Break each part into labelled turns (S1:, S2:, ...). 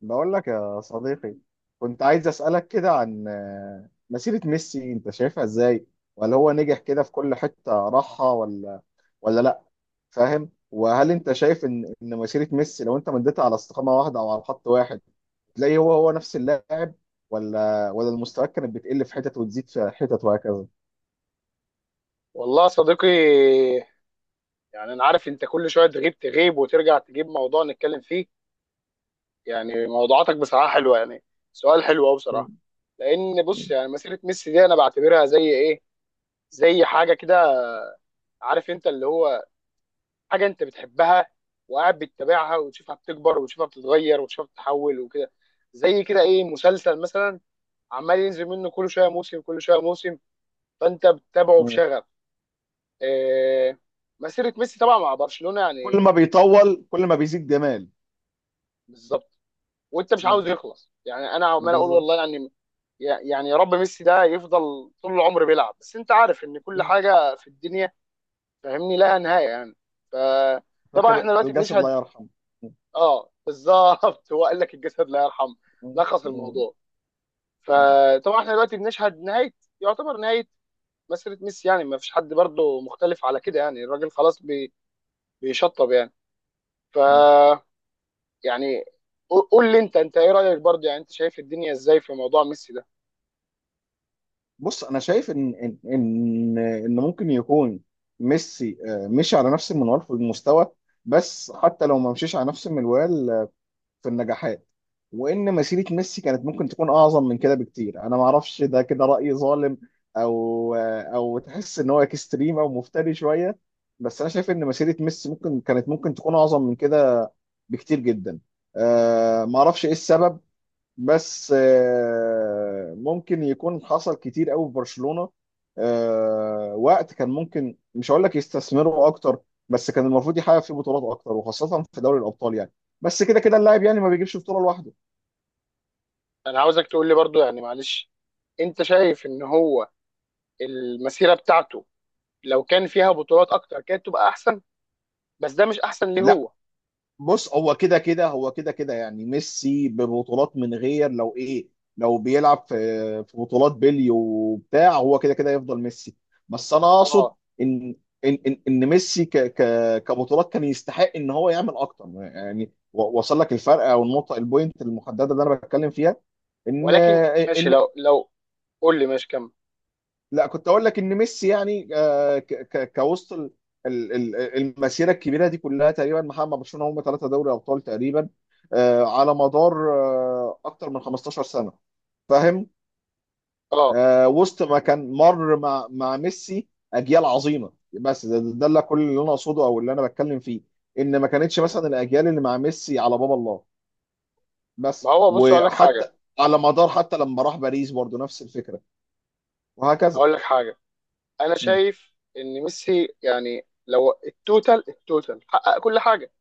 S1: بقول لك يا صديقي. كنت عايز أسألك كده عن مسيرة ميسي انت شايفها ازاي؟ ولا هو نجح كده في كل حتة راحها؟ ولا لا. فاهم؟ وهل انت شايف ان مسيرة ميسي لو انت مديتها على استقامة واحدة او على خط واحد، تلاقي هو نفس اللاعب؟ ولا المستوى كانت بتقل في حتت وتزيد في حتت وهكذا؟
S2: والله يا صديقي، يعني انا عارف انت كل شويه تغيب وترجع تجيب موضوع نتكلم فيه. يعني موضوعاتك بصراحه حلوه، يعني سؤال حلو قوي بصراحه.
S1: مم.
S2: لان بص، يعني مسيره ميسي دي انا بعتبرها زي ايه، زي حاجه كده، عارف انت اللي هو حاجه انت بتحبها وقاعد بتتابعها وتشوفها بتكبر وتشوفها بتتغير وتشوفها بتتحول وكده، زي كده ايه مسلسل مثلا عمال ينزل منه كل شويه موسم كل شويه موسم، فانت بتتابعه
S1: مم.
S2: بشغف. إيه، مسيره ميسي طبعا مع برشلونه
S1: وكل ما
S2: يعني.
S1: بيطول كل ما بيزيد جمال.
S2: بالظبط، وانت مش
S1: مم.
S2: عاوز يخلص يعني، انا عمال اقول
S1: بالظبط.
S2: والله يعني يا رب ميسي ده يفضل طول العمر بيلعب، بس انت عارف ان كل
S1: مم.
S2: حاجه في الدنيا فاهمني لها نهايه يعني. فطبعا
S1: فاكر
S2: احنا دلوقتي
S1: الجسد لا
S2: بنشهد.
S1: يرحم.
S2: اه بالظبط هو قال لك الجسد لا يرحم.
S1: مم.
S2: لخص
S1: مم.
S2: الموضوع. فطبعا احنا دلوقتي بنشهد نهايه، يعتبر نهايه مسيره ميسي، يعني ما فيش حد برضه مختلف على كده، يعني الراجل خلاص بيشطب يعني. ف
S1: مم.
S2: يعني قول لي انت ايه رايك برضه، يعني انت شايف الدنيا ازاي في موضوع ميسي ده؟
S1: بص، انا شايف ان ممكن يكون ميسي مشي على نفس المنوال في المستوى، بس حتى لو ما مشيش على نفس المنوال، في النجاحات. وان مسيره ميسي كانت ممكن تكون اعظم من كده بكتير. انا ما اعرفش ده كده راي ظالم، او تحس ان هو اكستريم او مفتري شويه. بس انا شايف ان مسيره ميسي ممكن تكون اعظم من كده بكتير جدا. ما اعرفش ايه السبب. بس ممكن يكون حصل كتير قوي في برشلونة، وقت كان ممكن، مش هقول لك يستثمروا اكتر، بس كان المفروض يحقق فيه بطولات اكتر، وخاصة في دوري الابطال يعني. بس كده كده اللاعب يعني ما بيجيبش بطولة لوحده.
S2: انا عاوزك تقول لي برضو، يعني معلش، انت شايف ان هو المسيره بتاعته لو كان فيها بطولات اكتر كانت تبقى احسن، بس ده مش احسن ليه
S1: لا،
S2: هو؟
S1: بص، هو كده كده يعني ميسي ببطولات من غير لو ايه. لو بيلعب في بطولات بيلي وبتاع، هو كده كده يفضل ميسي. بس انا اقصد
S2: اه
S1: ان ان ميسي ك ك كبطولات كان يستحق ان هو يعمل اكتر يعني. وصل لك الفرق او النقطه، البوينت المحدده اللي انا بتكلم فيها؟ ان
S2: ولكن ماشي،
S1: ان
S2: لو قول لي ماشي كمل.
S1: لا، كنت اقول لك ان ميسي يعني كوسط ال- ال- المسيره الكبيره دي كلها، تقريبا محقق مع برشلونه هم ثلاثه دوري ابطال تقريبا. على مدار اكتر من 15 سنه. فاهم؟
S2: اه
S1: وسط ما كان مر مع ميسي اجيال عظيمه. بس ده اللي، كل اللي انا اقصده او اللي انا بتكلم فيه، ان ما كانتش
S2: مم.
S1: مثلا الاجيال اللي مع ميسي على باب الله.
S2: ما
S1: بس
S2: هو بص اقول لك حاجه.
S1: وحتى على مدار، حتى لما راح باريس برضه نفس الفكره، وهكذا.
S2: اقول لك حاجه انا
S1: مم.
S2: شايف ان ميسي، يعني لو التوتال حقق كل حاجه.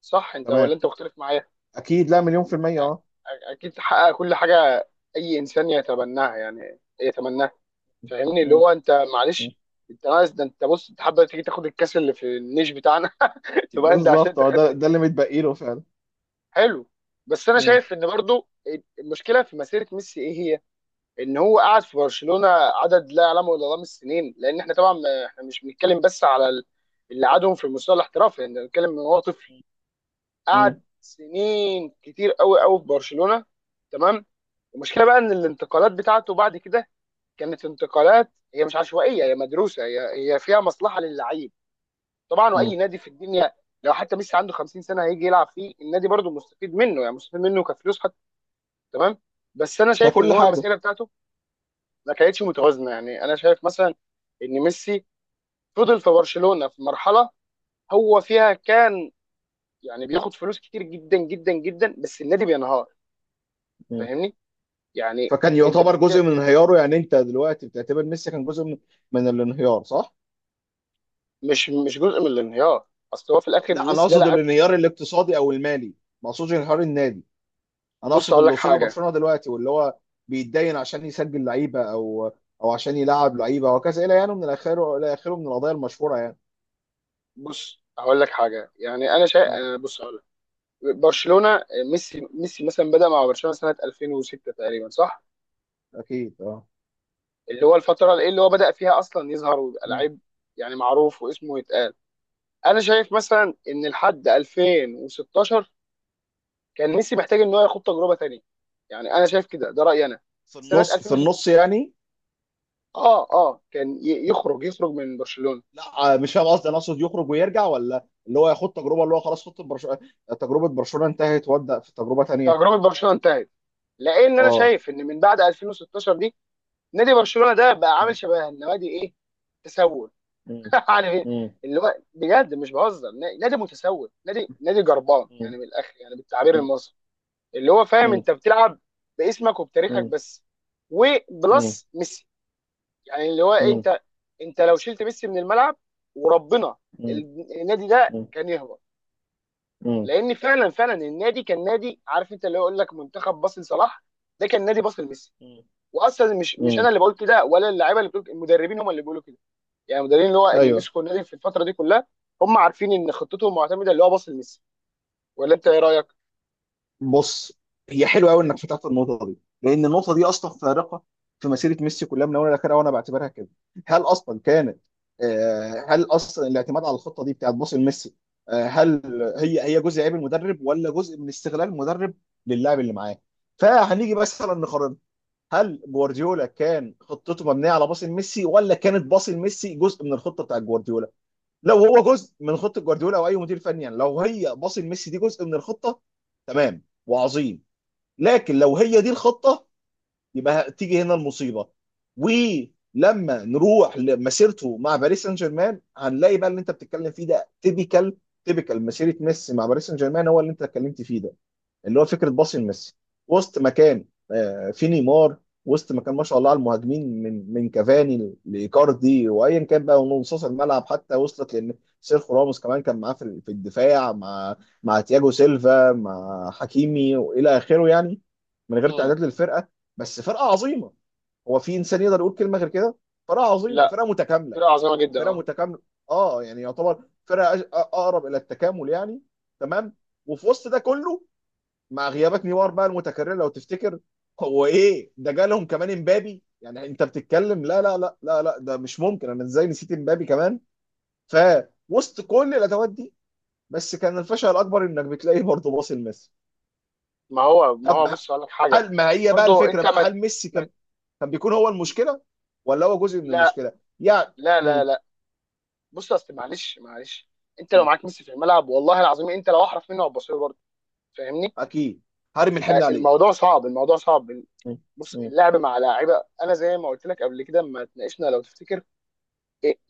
S2: صح انت ولا
S1: تمام.
S2: انت مختلف معايا؟
S1: اكيد، لا، مليون في الميه، اه.
S2: أ- اكيد حقق كل حاجه، اي انسان يتبناها يعني يتمناها. فاهمني اللي
S1: مم.
S2: هو، انت
S1: مم.
S2: معلش، انت عايز ده، انت بص، انت حابب تيجي تاخد الكاس اللي في النيش بتاعنا تبقى انت عشان
S1: بالظبط،
S2: انت
S1: اه، ده
S2: خدت.
S1: ده اللي متبقي له فعلا.
S2: حلو. بس انا
S1: مم.
S2: شايف ان برضو المشكله في مسيره ميسي ايه هي؟ ان هو قعد في برشلونه عدد لا يعلمه الا الله من السنين، لان احنا طبعا احنا مش بنتكلم بس على اللي قعدهم في المستوى الاحترافي، احنا بنتكلم ان هو طفل
S1: مم.
S2: قعد سنين كتير قوي قوي في برشلونه. تمام. المشكله بقى ان الانتقالات بتاعته بعد كده كانت انتقالات، هي مش عشوائيه، هي مدروسه، هي فيها مصلحه للعيب. طبعا، واي
S1: مم.
S2: نادي في الدنيا لو حتى ميسي عنده 50 سنه هيجي يلعب فيه النادي برضه مستفيد منه، يعني مستفيد منه كفلوس حتى. تمام. بس انا شايف ان
S1: ككل
S2: هو
S1: حاجه.
S2: المسيره بتاعته ما كانتش متوازنه. يعني انا شايف مثلا ان ميسي فضل في برشلونه في مرحله هو فيها كان، يعني بياخد فلوس كتير جدا جدا جدا بس النادي بينهار.
S1: مم.
S2: فاهمني، يعني
S1: فكان
S2: انت
S1: يعتبر
S2: بتتكلم.
S1: جزء من انهياره يعني؟ انت دلوقتي بتعتبر ميسي كان جزء من الانهيار صح؟
S2: مش جزء من الانهيار، اصل هو في الاخر
S1: لا، انا
S2: ميسي ده
S1: اقصد
S2: لاعب.
S1: الانهيار الاقتصادي او المالي. ما اقصدش انهيار النادي. انا
S2: بص
S1: اقصد
S2: اقول
S1: اللي
S2: لك
S1: وصل
S2: حاجه.
S1: لبرشلونه دلوقتي، واللي هو بيتدين عشان يسجل لعيبه، او عشان يلعب لعيبه وكذا الى، يعني من الاخر الى اخره من القضايا المشهوره يعني.
S2: بص هقول لك حاجه، يعني انا شايف،
S1: مم.
S2: بص هقول لك. برشلونه، ميسي مثلا بدا مع برشلونه سنه 2006 تقريبا، صح؟
S1: اكيد، اه.
S2: اللي هو الفتره اللي هو بدا فيها اصلا يظهر ويبقى
S1: مم.
S2: لعيب، يعني معروف واسمه يتقال. انا شايف مثلا ان لحد 2016 كان ميسي محتاج ان هو ياخد تجربه تانيه، يعني انا شايف كده، ده رايي انا.
S1: في
S2: سنه
S1: النص في
S2: 2006
S1: النص يعني.
S2: اه كان يخرج من برشلونه،
S1: لا، مش فاهم قصدي. انا اقصد يخرج ويرجع، ولا اللي هو ياخد تجربه اللي هو خلاص، خط برشلونه، تجربه برشلونه انتهت وابدا في تجربه تانيه.
S2: تجربه برشلونه انتهت، لان انا
S1: اه.
S2: شايف ان من بعد 2016 نادي برشلونه ده بقى
S1: م-
S2: عامل شبه النوادي ايه، تسول
S1: م-
S2: يعني
S1: م-
S2: اللي هو بجد مش بهزر، نادي متسول، نادي جربان
S1: م-
S2: يعني، من الاخر يعني بالتعبير
S1: م-
S2: المصري، اللي هو فاهم،
S1: م-
S2: انت بتلعب باسمك وبتاريخك
S1: م-
S2: بس
S1: م-
S2: وبلس ميسي. يعني اللي هو
S1: م-
S2: إيه،
S1: م-
S2: انت لو شلت ميسي من الملعب وربنا النادي ده
S1: م-
S2: كان يهبط.
S1: م- م-
S2: لان فعلا فعلا النادي كان نادي عارف انت اللي هو يقول لك منتخب باص لصلاح، ده كان نادي باص لميسي. واصلا مش انا
S1: م-
S2: اللي بقول كده ولا اللعيبه اللي بتقول، المدربين هم اللي بيقولوا كده. يعني المدربين اللي هو اللي
S1: ايوه.
S2: مسكوا النادي في الفتره دي كلها هم عارفين ان خطتهم معتمده اللي هو باص لميسي. ولا انت ايه رايك؟
S1: بص، هي حلوه قوي انك فتحت النقطه دي، لان النقطه دي اصلا فارقه في مسيره ميسي كلها من اولها لاخرها، وانا بعتبرها كده. هل اصلا كانت هل اصلا الاعتماد على الخطه دي بتاعت باص لميسي، هل هي جزء عيب المدرب ولا جزء من استغلال المدرب للاعب اللي معاه؟ فهنيجي مثلا نقارن، هل جوارديولا كان خطته مبنيه على باص لميسي، ولا كانت باص لميسي جزء من الخطه بتاعت جوارديولا؟ لو هو جزء من خطه جوارديولا او اي مدير فني يعني، لو هي باص لميسي دي جزء من الخطه، تمام وعظيم. لكن لو هي دي الخطه، يبقى تيجي هنا المصيبه. ولما نروح لمسيرته مع باريس سان جيرمان، هنلاقي بقى اللي انت بتتكلم فيه ده تيبيكال. تيبيكال مسيره ميسي مع باريس سان جيرمان هو اللي انت اتكلمت فيه ده، اللي هو فكره باص لميسي. وسط مكان، في نيمار، وسط مكان ما شاء الله على المهاجمين، من كافاني لايكاردي وايا كان بقى، ونصوص الملعب حتى وصلت لان سيرخو راموس كمان كان معاه في الدفاع، مع تياجو سيلفا، مع حكيمي والى اخره يعني، من غير
S2: مم.
S1: تعداد للفرقه. بس فرقه عظيمه. هو في انسان يقدر يقول كلمه غير كده؟ فرقه عظيمه،
S2: لا،
S1: فرقه متكامله،
S2: فرقه عظيمه جدا
S1: فرقه
S2: اه.
S1: متكامله، اه. يعني يعتبر فرقه اقرب الى التكامل يعني. تمام. وفي وسط ده كله، مع غيابات نيمار بقى المتكرر لو تفتكر، هو ايه ده، جالهم كمان امبابي. يعني انت بتتكلم، لا لا لا لا لا، ده مش ممكن. انا ازاي نسيت امبابي كمان! فوسط كل الادوات دي، بس كان الفشل الاكبر انك بتلاقيه برضه باصي لميسي.
S2: ما هو
S1: طب،
S2: بص اقول لك حاجه.
S1: هل ما هي بقى
S2: برضو
S1: الفكره
S2: انت
S1: بقى،
S2: ما
S1: هل ميسي
S2: ما
S1: كان بيكون هو المشكله، ولا هو جزء من
S2: لا
S1: المشكله يعني؟
S2: لا لا
S1: مم.
S2: لا. بص، اصل معلش معلش، انت لو
S1: مم.
S2: معاك ميسي في الملعب والله العظيم انت لو احرف منه هتبص له برضه. فاهمني.
S1: اكيد، هرمي الحمل عليه.
S2: الموضوع صعب، الموضوع صعب.
S1: مم.
S2: بص،
S1: مم.
S2: اللعب مع لاعيبه انا زي ما قلت لك قبل كده لما اتناقشنا لو تفتكر،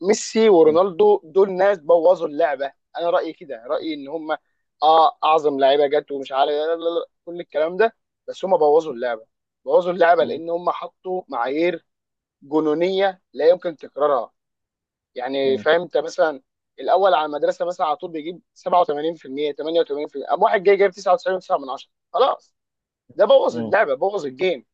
S2: ميسي
S1: مم.
S2: ورونالدو دول ناس بوظوا اللعبه. انا رايي كده، رايي ان هم اه اعظم لعيبه جت ومش عارف، لا لا لا، كل الكلام ده. بس هم بوظوا اللعبه، بوظوا اللعبه
S1: مم.
S2: لان هم حطوا معايير جنونيه لا يمكن تكرارها. يعني فاهم انت؟ مثلا الاول على المدرسه مثلا على طول بيجيب 87% 88%، قام واحد جاي جايب 99.9 من 10. خلاص، ده بوظ
S1: مم.
S2: اللعبه، بوظ الجيم.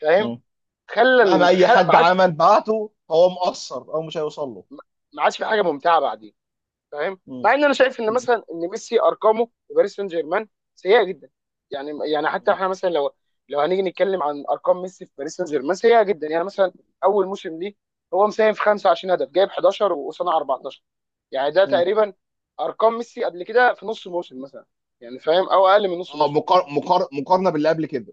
S2: فاهم.
S1: مم. مهما اي
S2: خلى ما
S1: حد
S2: عادش
S1: عمل بعته، هو مقصر او مش هيوصل له.
S2: ما عادش في حاجه ممتعه بعدين. فاهم،
S1: مم.
S2: مع ان انا شايف ان
S1: مم.
S2: مثلا ان ميسي ارقامه في باريس سان جيرمان سيئه جدا. يعني حتى
S1: مم.
S2: احنا مثلا لو هنيجي نتكلم عن ارقام ميسي في باريس سان جيرمان سيئه جدا، يعني مثلا اول موسم ليه هو مساهم في 25 هدف، جايب 11 وصنع 14. يعني ده
S1: مم.
S2: تقريبا ارقام ميسي قبل كده في نص موسم مثلا، يعني فاهم، او اقل من نص
S1: اه،
S2: موسم.
S1: مقارنه باللي قبل كده.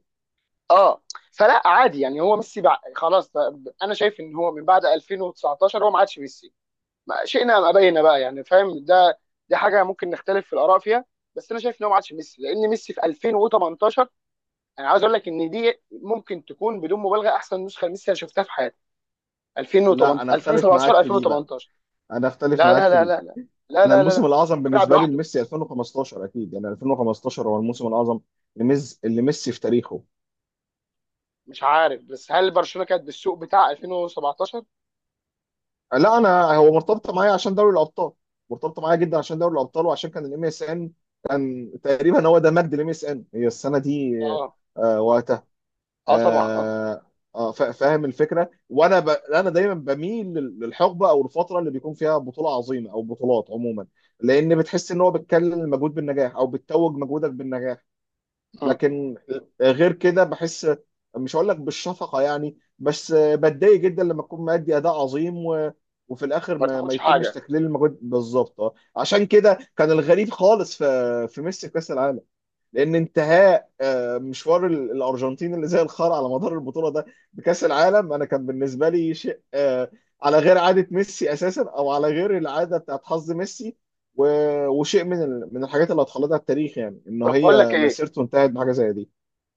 S2: اه فلا عادي يعني. هو ميسي بقى خلاص. انا شايف ان هو من بعد 2019 هو ما عادش ميسي، ما شئنا ام ابينا بقى، يعني فاهم ده؟ دي حاجه ممكن نختلف في الاراء فيها. بس انا شايف ان هو ما عادش ميسي، لان ميسي في 2018 انا عاوز اقول لك ان دي ممكن تكون بدون مبالغه احسن نسخه لميسي انا شفتها في حياتي.
S1: لا، انا
S2: 2018،
S1: اختلف معاك
S2: 2017،
S1: في دي بقى.
S2: 2018.
S1: انا اختلف
S2: لا
S1: معاك
S2: لا
S1: في
S2: لا
S1: دي.
S2: لا لا، لا
S1: انا
S2: لا لا لا.
S1: الموسم الاعظم
S2: كان بيلعب
S1: بالنسبه لي
S2: لوحده.
S1: لميسي 2015 اكيد. يعني 2015 هو الموسم الاعظم لميسي في تاريخه.
S2: مش عارف، بس هل برشلونه كانت بالسوق بتاع 2017؟
S1: لا، انا هو مرتبطه معايا عشان دوري الابطال، مرتبطه معايا جدا عشان دوري الابطال، وعشان كان الام اس ان. كان تقريبا هو ده مجد الام اس ان هي السنه دي.
S2: اه
S1: وقت.
S2: اه طبعا اه.
S1: آه فاهم الفكره. انا دايما بميل للحقبه او الفتره اللي بيكون فيها بطوله عظيمه او بطولات عموما، لان بتحس ان هو بتكلل المجهود بالنجاح او بتتوج مجهودك بالنجاح.
S2: مم.
S1: لكن غير كده بحس، مش هقول لك بالشفقه يعني، بس بتضايق جدا لما تكون مادي اداء عظيم وفي الاخر
S2: ما
S1: ما
S2: تاخدش
S1: يتمش
S2: حاجه.
S1: تكليل المجهود بالظبط. عشان كده كان الغريب خالص في ميسي في كاس العالم، لان انتهاء مشوار الارجنتين اللي زي الخرا على مدار البطوله ده بكاس العالم، انا كان بالنسبه لي شيء، على غير عاده ميسي اساسا، او على غير العاده بتاعت حظ ميسي. وشيء من الحاجات اللي هتخلدها التاريخ، يعني ان
S2: طب بقول لك
S1: هي
S2: ايه،
S1: مسيرته انتهت بحاجه زي دي.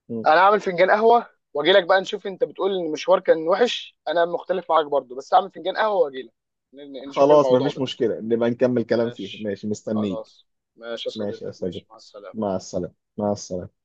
S1: م.
S2: انا اعمل فنجان قهوه واجي لك بقى نشوف. انت بتقول ان المشوار كان وحش، انا مختلف معاك برضو. بس اعمل فنجان قهوه واجي لك نشوف
S1: خلاص،
S2: الموضوع
S1: مفيش
S2: ده.
S1: مشكله، نبقى نكمل كلام فيها.
S2: ماشي،
S1: ماشي، مستنيك.
S2: خلاص. ماشي يا
S1: ماشي يا
S2: صديقي، ماشي،
S1: صديقي،
S2: مع السلامه.
S1: مع السلامه، مع السلامه.